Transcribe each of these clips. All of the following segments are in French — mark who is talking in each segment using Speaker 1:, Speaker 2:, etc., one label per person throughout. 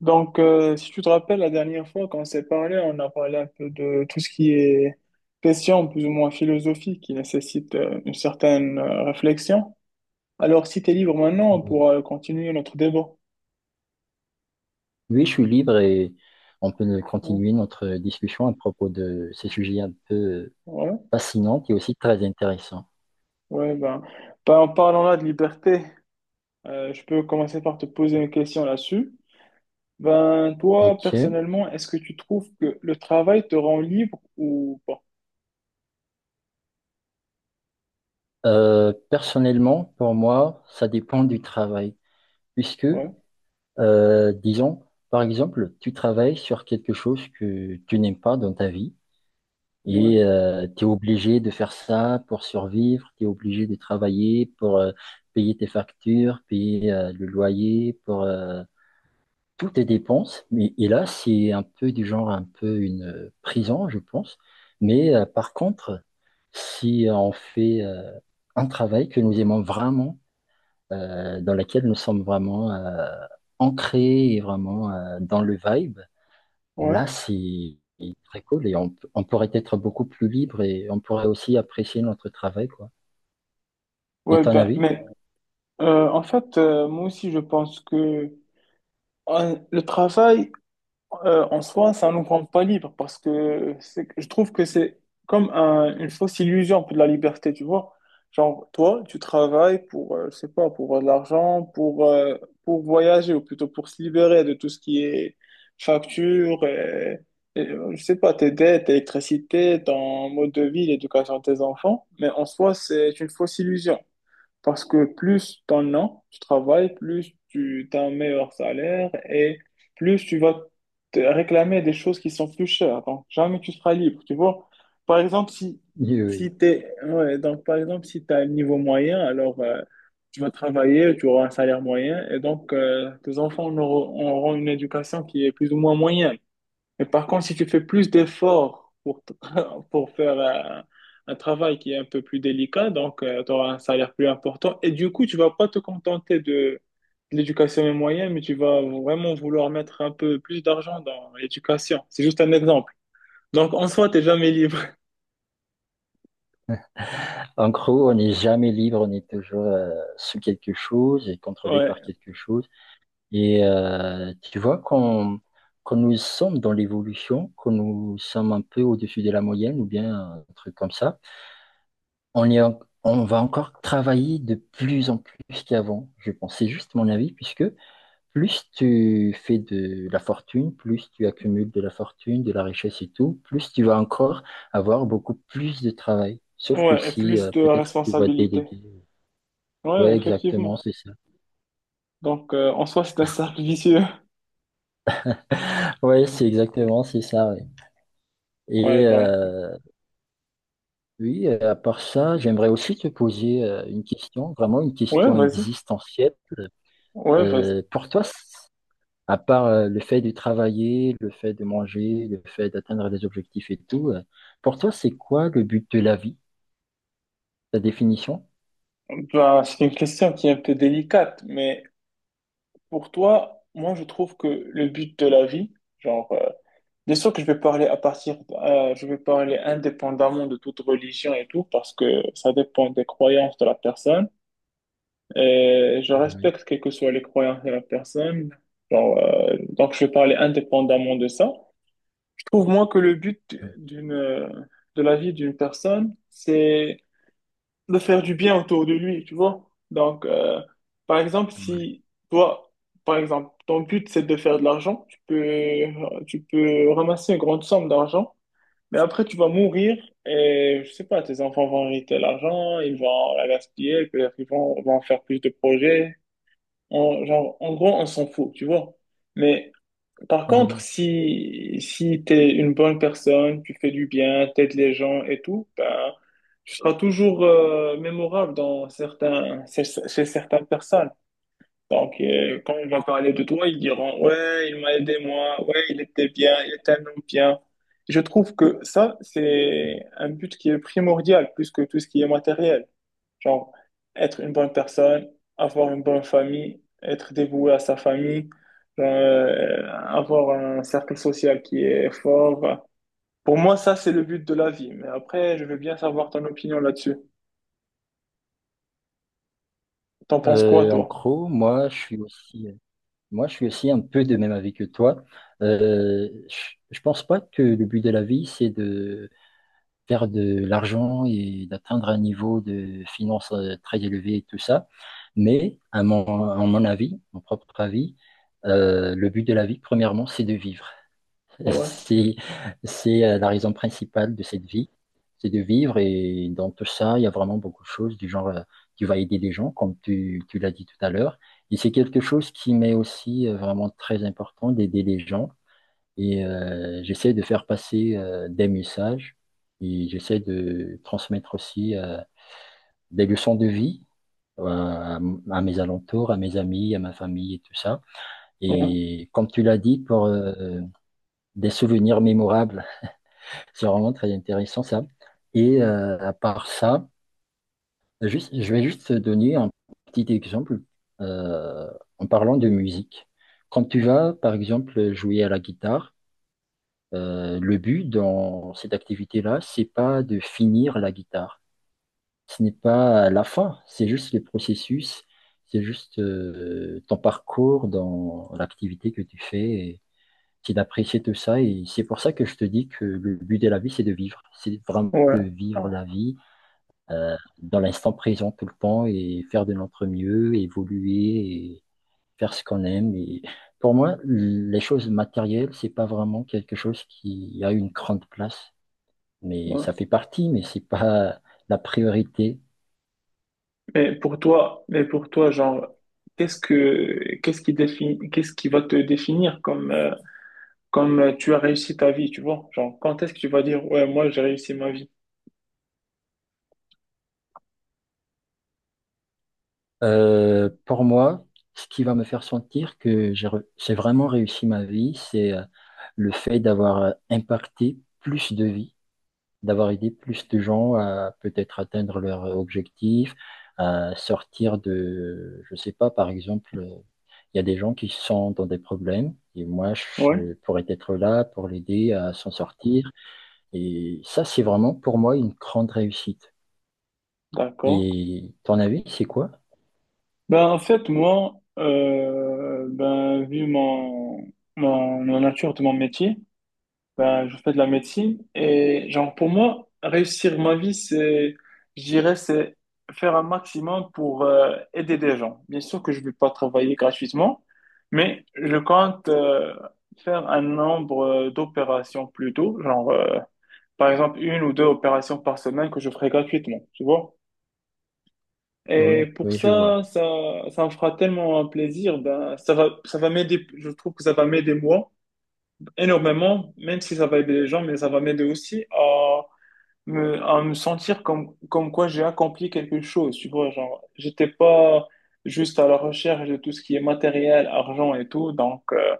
Speaker 1: Donc, si tu te rappelles, la dernière fois, quand on s'est parlé, on a parlé un peu de tout ce qui est question plus ou moins philosophique qui nécessite une certaine réflexion. Alors, si tu es libre maintenant, on
Speaker 2: Oui,
Speaker 1: pourra continuer notre débat.
Speaker 2: Oui, je suis libre et on peut
Speaker 1: Ouais,
Speaker 2: continuer notre discussion à propos de ces sujets un peu
Speaker 1: ouais,
Speaker 2: fascinants et aussi très intéressants.
Speaker 1: ouais, ben, en parlant là de liberté, je peux commencer par te poser une question là-dessus. Ben, toi,
Speaker 2: Ok.
Speaker 1: personnellement, est-ce que tu trouves que le travail te rend libre ou pas?
Speaker 2: Personnellement, pour moi, ça dépend du travail, puisque,
Speaker 1: Ouais,
Speaker 2: euh, disons, par exemple, tu travailles sur quelque chose que tu n'aimes pas dans ta vie
Speaker 1: ouais,
Speaker 2: et tu es obligé de faire ça pour survivre, tu es obligé de travailler pour payer tes factures, payer le loyer, pour tout est dépense, mais et là, c'est un peu du genre un peu une prison, je pense. Mais par contre, si on fait un travail que nous aimons vraiment, dans lequel nous sommes vraiment ancrés et vraiment dans le vibe,
Speaker 1: ouais.
Speaker 2: là, c'est très cool et on, on pourrait être beaucoup plus libre et on pourrait aussi apprécier notre travail, quoi. Et
Speaker 1: Ouais,
Speaker 2: ton
Speaker 1: ben,
Speaker 2: avis?
Speaker 1: en fait, moi aussi, je pense que le travail en soi, ça nous rend pas libre parce que je trouve que c'est comme une fausse illusion un peu de la liberté, tu vois. Genre, toi, tu travailles pour, je sais pas, pour de l'argent, pour voyager ou plutôt pour se libérer de tout ce qui est facture, et, je sais pas, tes dettes, électricité, ton mode de vie, l'éducation de tes enfants. Mais en soi, c'est une fausse illusion. Parce que plus t'en as, tu travailles, plus tu as un meilleur salaire et plus tu vas te réclamer des choses qui sont plus chères. Donc, jamais tu seras libre, tu vois. Par exemple, si,
Speaker 2: Oui, oui.
Speaker 1: si t'es, ouais, donc, par exemple, si t'as un niveau moyen, alors tu vas travailler, tu auras un salaire moyen et donc tes enfants auront une éducation qui est plus ou moins moyenne. Mais par contre, si tu fais plus d'efforts pour, pour faire un, travail qui est un peu plus délicat, donc tu auras un salaire plus important. Et du coup, tu vas pas te contenter de l'éducation moyenne, mais tu vas vraiment vouloir mettre un peu plus d'argent dans l'éducation. C'est juste un exemple. Donc en soi, t'es jamais libre.
Speaker 2: En gros, on n'est jamais libre, on est toujours sous quelque chose et contrôlé par
Speaker 1: Ouais,
Speaker 2: quelque chose. Et tu vois, quand nous sommes dans l'évolution, quand nous sommes un peu au-dessus de la moyenne ou bien un truc comme ça, on est en- on va encore travailler de plus en plus qu'avant, je pense. C'est juste mon avis, puisque plus tu fais de la fortune, plus tu accumules de la fortune, de la richesse et tout, plus tu vas encore avoir beaucoup plus de travail. Sauf que
Speaker 1: ouais, et
Speaker 2: si
Speaker 1: plus de
Speaker 2: peut-être tu vas
Speaker 1: responsabilité.
Speaker 2: déléguer.
Speaker 1: Ouais,
Speaker 2: Ouais, exactement,
Speaker 1: effectivement.
Speaker 2: c'est ça.
Speaker 1: Donc en soi, c'est un cercle vicieux.
Speaker 2: Ouais, c'est exactement, c'est ça. Ouais.
Speaker 1: Ouais,
Speaker 2: Et,
Speaker 1: donc,
Speaker 2: oui, à part ça, j'aimerais aussi te poser une question, vraiment une
Speaker 1: ouais,
Speaker 2: question
Speaker 1: vas-y.
Speaker 2: existentielle.
Speaker 1: Ouais, vas-y.
Speaker 2: Pour toi, à part le fait de travailler, le fait de manger, le fait d'atteindre des objectifs et tout, pour toi, c'est quoi le but de la vie, ta définition?
Speaker 1: Bah, c'est une question qui est un peu délicate, mais moi, je trouve que le but de la vie, genre, bien sûr que je vais parler je vais parler indépendamment de toute religion et tout, parce que ça dépend des croyances de la personne. Et je
Speaker 2: Oui.
Speaker 1: respecte quelles que soient les croyances de la personne. Genre, donc, je vais parler indépendamment de ça. Je trouve, moi, que le but
Speaker 2: Oui,
Speaker 1: de la vie d'une personne, de faire du bien autour de lui, tu vois. Donc, par exemple,
Speaker 2: ouais.
Speaker 1: si toi, par exemple, ton but c'est de faire de l'argent, tu peux ramasser une grande somme d'argent, mais après tu vas mourir et je sais pas, tes enfants vont hériter l'argent, ils vont la gaspiller, peut-être ils vont faire plus de projets. Genre, en gros, on s'en fout, tu vois. Mais par contre,
Speaker 2: Oui.
Speaker 1: si tu es une bonne personne, tu fais du bien, t'aides les gens et tout, ben, tu seras toujours mémorable chez certaines personnes. Donc, quand on va parler de toi, ils diront, ouais, il m'a aidé moi, ouais, il était bien, il était un homme bien. Je trouve que ça, c'est un but qui est primordial plus que tout ce qui est matériel. Genre, être une bonne personne, avoir une bonne famille, être dévoué à sa famille, avoir un cercle social qui est fort. Pour moi, ça, c'est le but de la vie. Mais après, je veux bien savoir ton opinion là-dessus. T'en penses quoi,
Speaker 2: En
Speaker 1: toi?
Speaker 2: gros, moi, je suis aussi un peu de même avis que toi. Je pense pas que le but de la vie, c'est de faire de l'argent et d'atteindre un niveau de finances très élevé et tout ça. Mais à mon avis, mon propre avis, le but de la vie, premièrement, c'est de vivre.
Speaker 1: Ouais,
Speaker 2: C'est, c'est la raison principale de cette vie, c'est de vivre. Et dans tout ça, il y a vraiment beaucoup de choses du genre, tu vas aider les gens, comme tu l'as dit tout à l'heure. Et c'est quelque chose qui m'est aussi vraiment très important d'aider les gens. Et j'essaie de faire passer des messages et j'essaie de transmettre aussi des leçons de vie euh, à, à mes alentours, à mes amis, à ma famille et tout ça.
Speaker 1: ouais,
Speaker 2: Et comme tu l'as dit, pour des souvenirs mémorables. C'est vraiment très intéressant ça. Et à part ça, juste, je vais juste te donner un petit exemple euh, en parlant de musique. Quand tu vas, par exemple, jouer à la guitare, le but dans cette activité-là, c'est pas de finir la guitare. Ce n'est pas la fin, c'est juste le processus, c'est juste ton parcours dans l'activité que tu fais qu'il appréciait tout ça. Et c'est pour ça que je te dis que le but de la vie, c'est de vivre. C'est vraiment
Speaker 1: ouais,
Speaker 2: de
Speaker 1: ouais.
Speaker 2: vivre la vie euh, dans l'instant présent tout le temps et faire de notre mieux, évoluer et faire ce qu'on aime. Et pour moi, les choses matérielles, c'est pas vraiment quelque chose qui a une grande place. Mais
Speaker 1: Ouais.
Speaker 2: ça fait partie, mais c'est pas la priorité.
Speaker 1: Mais pour toi, genre, qu'est-ce qui va te définir comme tu as réussi ta vie, tu vois? Genre, quand est-ce que tu vas dire, ouais, moi, j'ai réussi ma vie?
Speaker 2: Pour moi, ce qui va me faire sentir que j'ai vraiment réussi ma vie, c'est le fait d'avoir impacté plus de vies, d'avoir aidé plus de gens à peut-être atteindre leur objectif, à sortir de, je sais pas, par exemple, il y a des gens qui sont dans des problèmes et moi,
Speaker 1: Ouais,
Speaker 2: je pourrais être là pour l'aider à s'en sortir. Et ça, c'est vraiment pour moi une grande réussite.
Speaker 1: d'accord.
Speaker 2: Et ton avis, c'est quoi?
Speaker 1: Ben, en fait, moi, ben, la nature de mon métier, ben, je fais de la médecine et genre pour moi, réussir ma vie, c'est, je dirais, c'est faire un maximum pour aider des gens. Bien sûr que je ne vais pas travailler gratuitement, mais je compte faire un nombre d'opérations plutôt, genre par exemple une ou deux opérations par semaine que je ferai gratuitement, tu vois? Et
Speaker 2: Oui,
Speaker 1: pour
Speaker 2: oui, je vois.
Speaker 1: ça, ça me fera tellement un plaisir, ben, ça va m'aider, je trouve que ça va m'aider moi énormément, même si ça va aider les gens, mais ça va m'aider aussi à me sentir comme quoi j'ai accompli quelque chose, tu vois, genre, j'étais pas juste à la recherche de tout ce qui est matériel, argent et tout, donc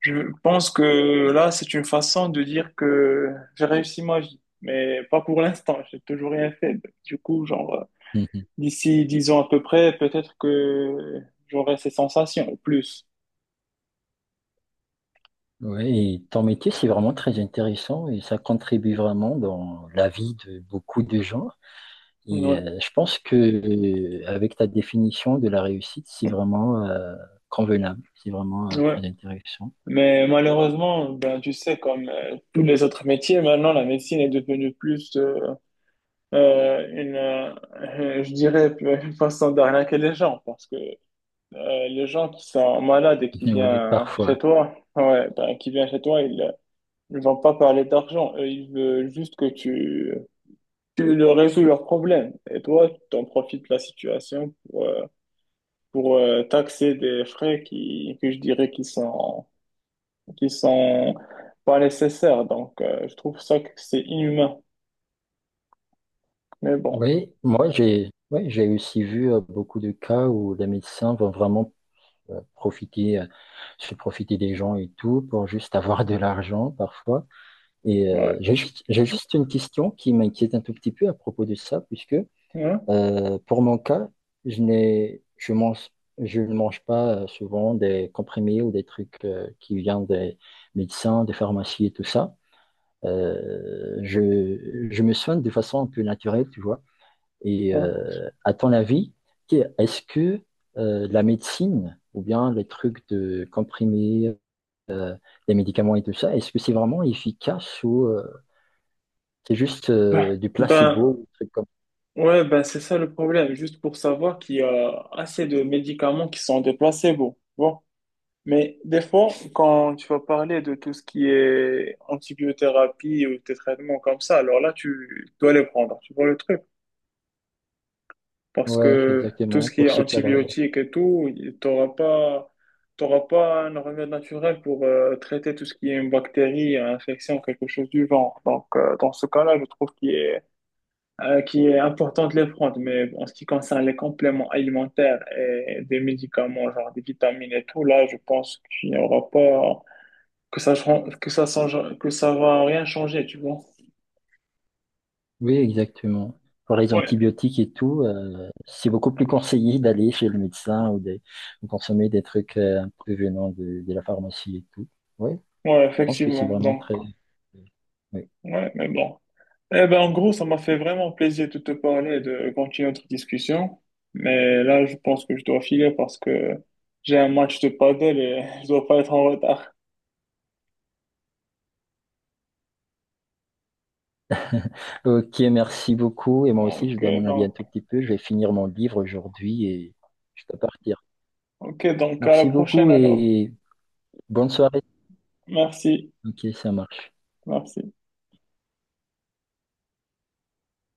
Speaker 1: je pense que là, c'est une façon de dire que j'ai réussi ma vie, mais pas pour l'instant, j'ai toujours rien fait, du coup, genre, d'ici 10 ans à peu près, peut-être que j'aurai ces sensations, ou plus,
Speaker 2: Oui, et ton métier, c'est vraiment très intéressant et ça contribue vraiment dans la vie de beaucoup de gens. Et
Speaker 1: ouais,
Speaker 2: je pense que avec ta définition de la réussite, c'est vraiment convenable, c'est vraiment
Speaker 1: ouais.
Speaker 2: très intéressant.
Speaker 1: Mais malheureusement, ben, tu sais, comme tous les autres métiers, maintenant, la médecine est devenue plus euh, une, euh, je dirais, une façon d'arnaquer les gens. Parce que les gens qui sont malades et qui
Speaker 2: Oui,
Speaker 1: viennent
Speaker 2: parfois.
Speaker 1: chez toi, ouais, ben, qui viennent chez toi, ils ne vont pas parler d'argent. Eux, ils veulent juste que tu leur résous leurs problèmes. Et toi, tu en profites de la situation pour taxer des frais que je dirais qui sont pas nécessaires. Donc, je trouve ça que c'est inhumain. Mais bon,
Speaker 2: Oui, moi, j'ai aussi vu beaucoup de cas où les médecins vont vraiment euh, profiter, euh, se profiter des gens et tout pour juste avoir de l'argent parfois. Et euh,
Speaker 1: ouais.
Speaker 2: j'ai juste, j'ai juste une question qui m'inquiète un tout petit peu à propos de ça, puisque
Speaker 1: Ouais,
Speaker 2: Pour mon cas, je n'ai, je mange, je ne mange pas souvent des comprimés ou des trucs qui viennent des médecins, des pharmacies et tout ça. Je me soigne de façon un peu naturelle, tu vois. Et
Speaker 1: ouais.
Speaker 2: à ton avis, est-ce que la médecine ou bien les trucs de comprimés, euh, des médicaments et tout ça, est-ce que c'est vraiment efficace ou c'est juste
Speaker 1: Ben,
Speaker 2: du placebo
Speaker 1: ben,
Speaker 2: ou des trucs comme
Speaker 1: ouais, ben, c'est ça le problème. Juste pour savoir qu'il y a assez de médicaments qui sont des placebos. Bon. Mais des fois, quand tu vas parler de tout ce qui est antibiothérapie ou des traitements comme ça, alors là, tu dois les prendre. Tu vois le truc?
Speaker 2: ça.
Speaker 1: Parce
Speaker 2: Ouais,
Speaker 1: que tout ce
Speaker 2: exactement,
Speaker 1: qui
Speaker 2: pour
Speaker 1: est
Speaker 2: ce cas-là.
Speaker 1: antibiotiques et tout, tu n'auras pas, t'auras pas un remède naturel pour traiter tout ce qui est une bactérie, une infection, quelque chose du genre. Donc, dans ce cas-là, je trouve qu'il est important de les prendre. Mais bon, en ce qui concerne les compléments alimentaires et des médicaments, genre des vitamines et tout, là, je pense qu'il n'y aura pas, que ça, change- que ça va rien changer, tu vois.
Speaker 2: Oui, exactement. Pour les
Speaker 1: Ouais,
Speaker 2: antibiotiques et tout, c'est beaucoup plus conseillé d'aller chez le médecin ou de consommer des trucs un peu venant de la pharmacie et tout. Oui,
Speaker 1: ouais,
Speaker 2: je pense que c'est
Speaker 1: effectivement.
Speaker 2: vraiment
Speaker 1: Donc,
Speaker 2: très... oui.
Speaker 1: ouais, mais bon. Eh ben, en gros, ça m'a fait vraiment plaisir de te parler et de continuer notre discussion. Mais là, je pense que je dois filer parce que j'ai un match de paddle et je dois pas être en retard.
Speaker 2: Ok, merci beaucoup. Et moi aussi, je
Speaker 1: Ok,
Speaker 2: dois m'en aller un
Speaker 1: donc,
Speaker 2: tout petit peu. Je vais finir mon livre aujourd'hui et je dois partir.
Speaker 1: ok, donc, à la
Speaker 2: Merci
Speaker 1: prochaine
Speaker 2: beaucoup
Speaker 1: alors.
Speaker 2: et bonne soirée.
Speaker 1: Merci,
Speaker 2: Ok, ça marche.
Speaker 1: merci.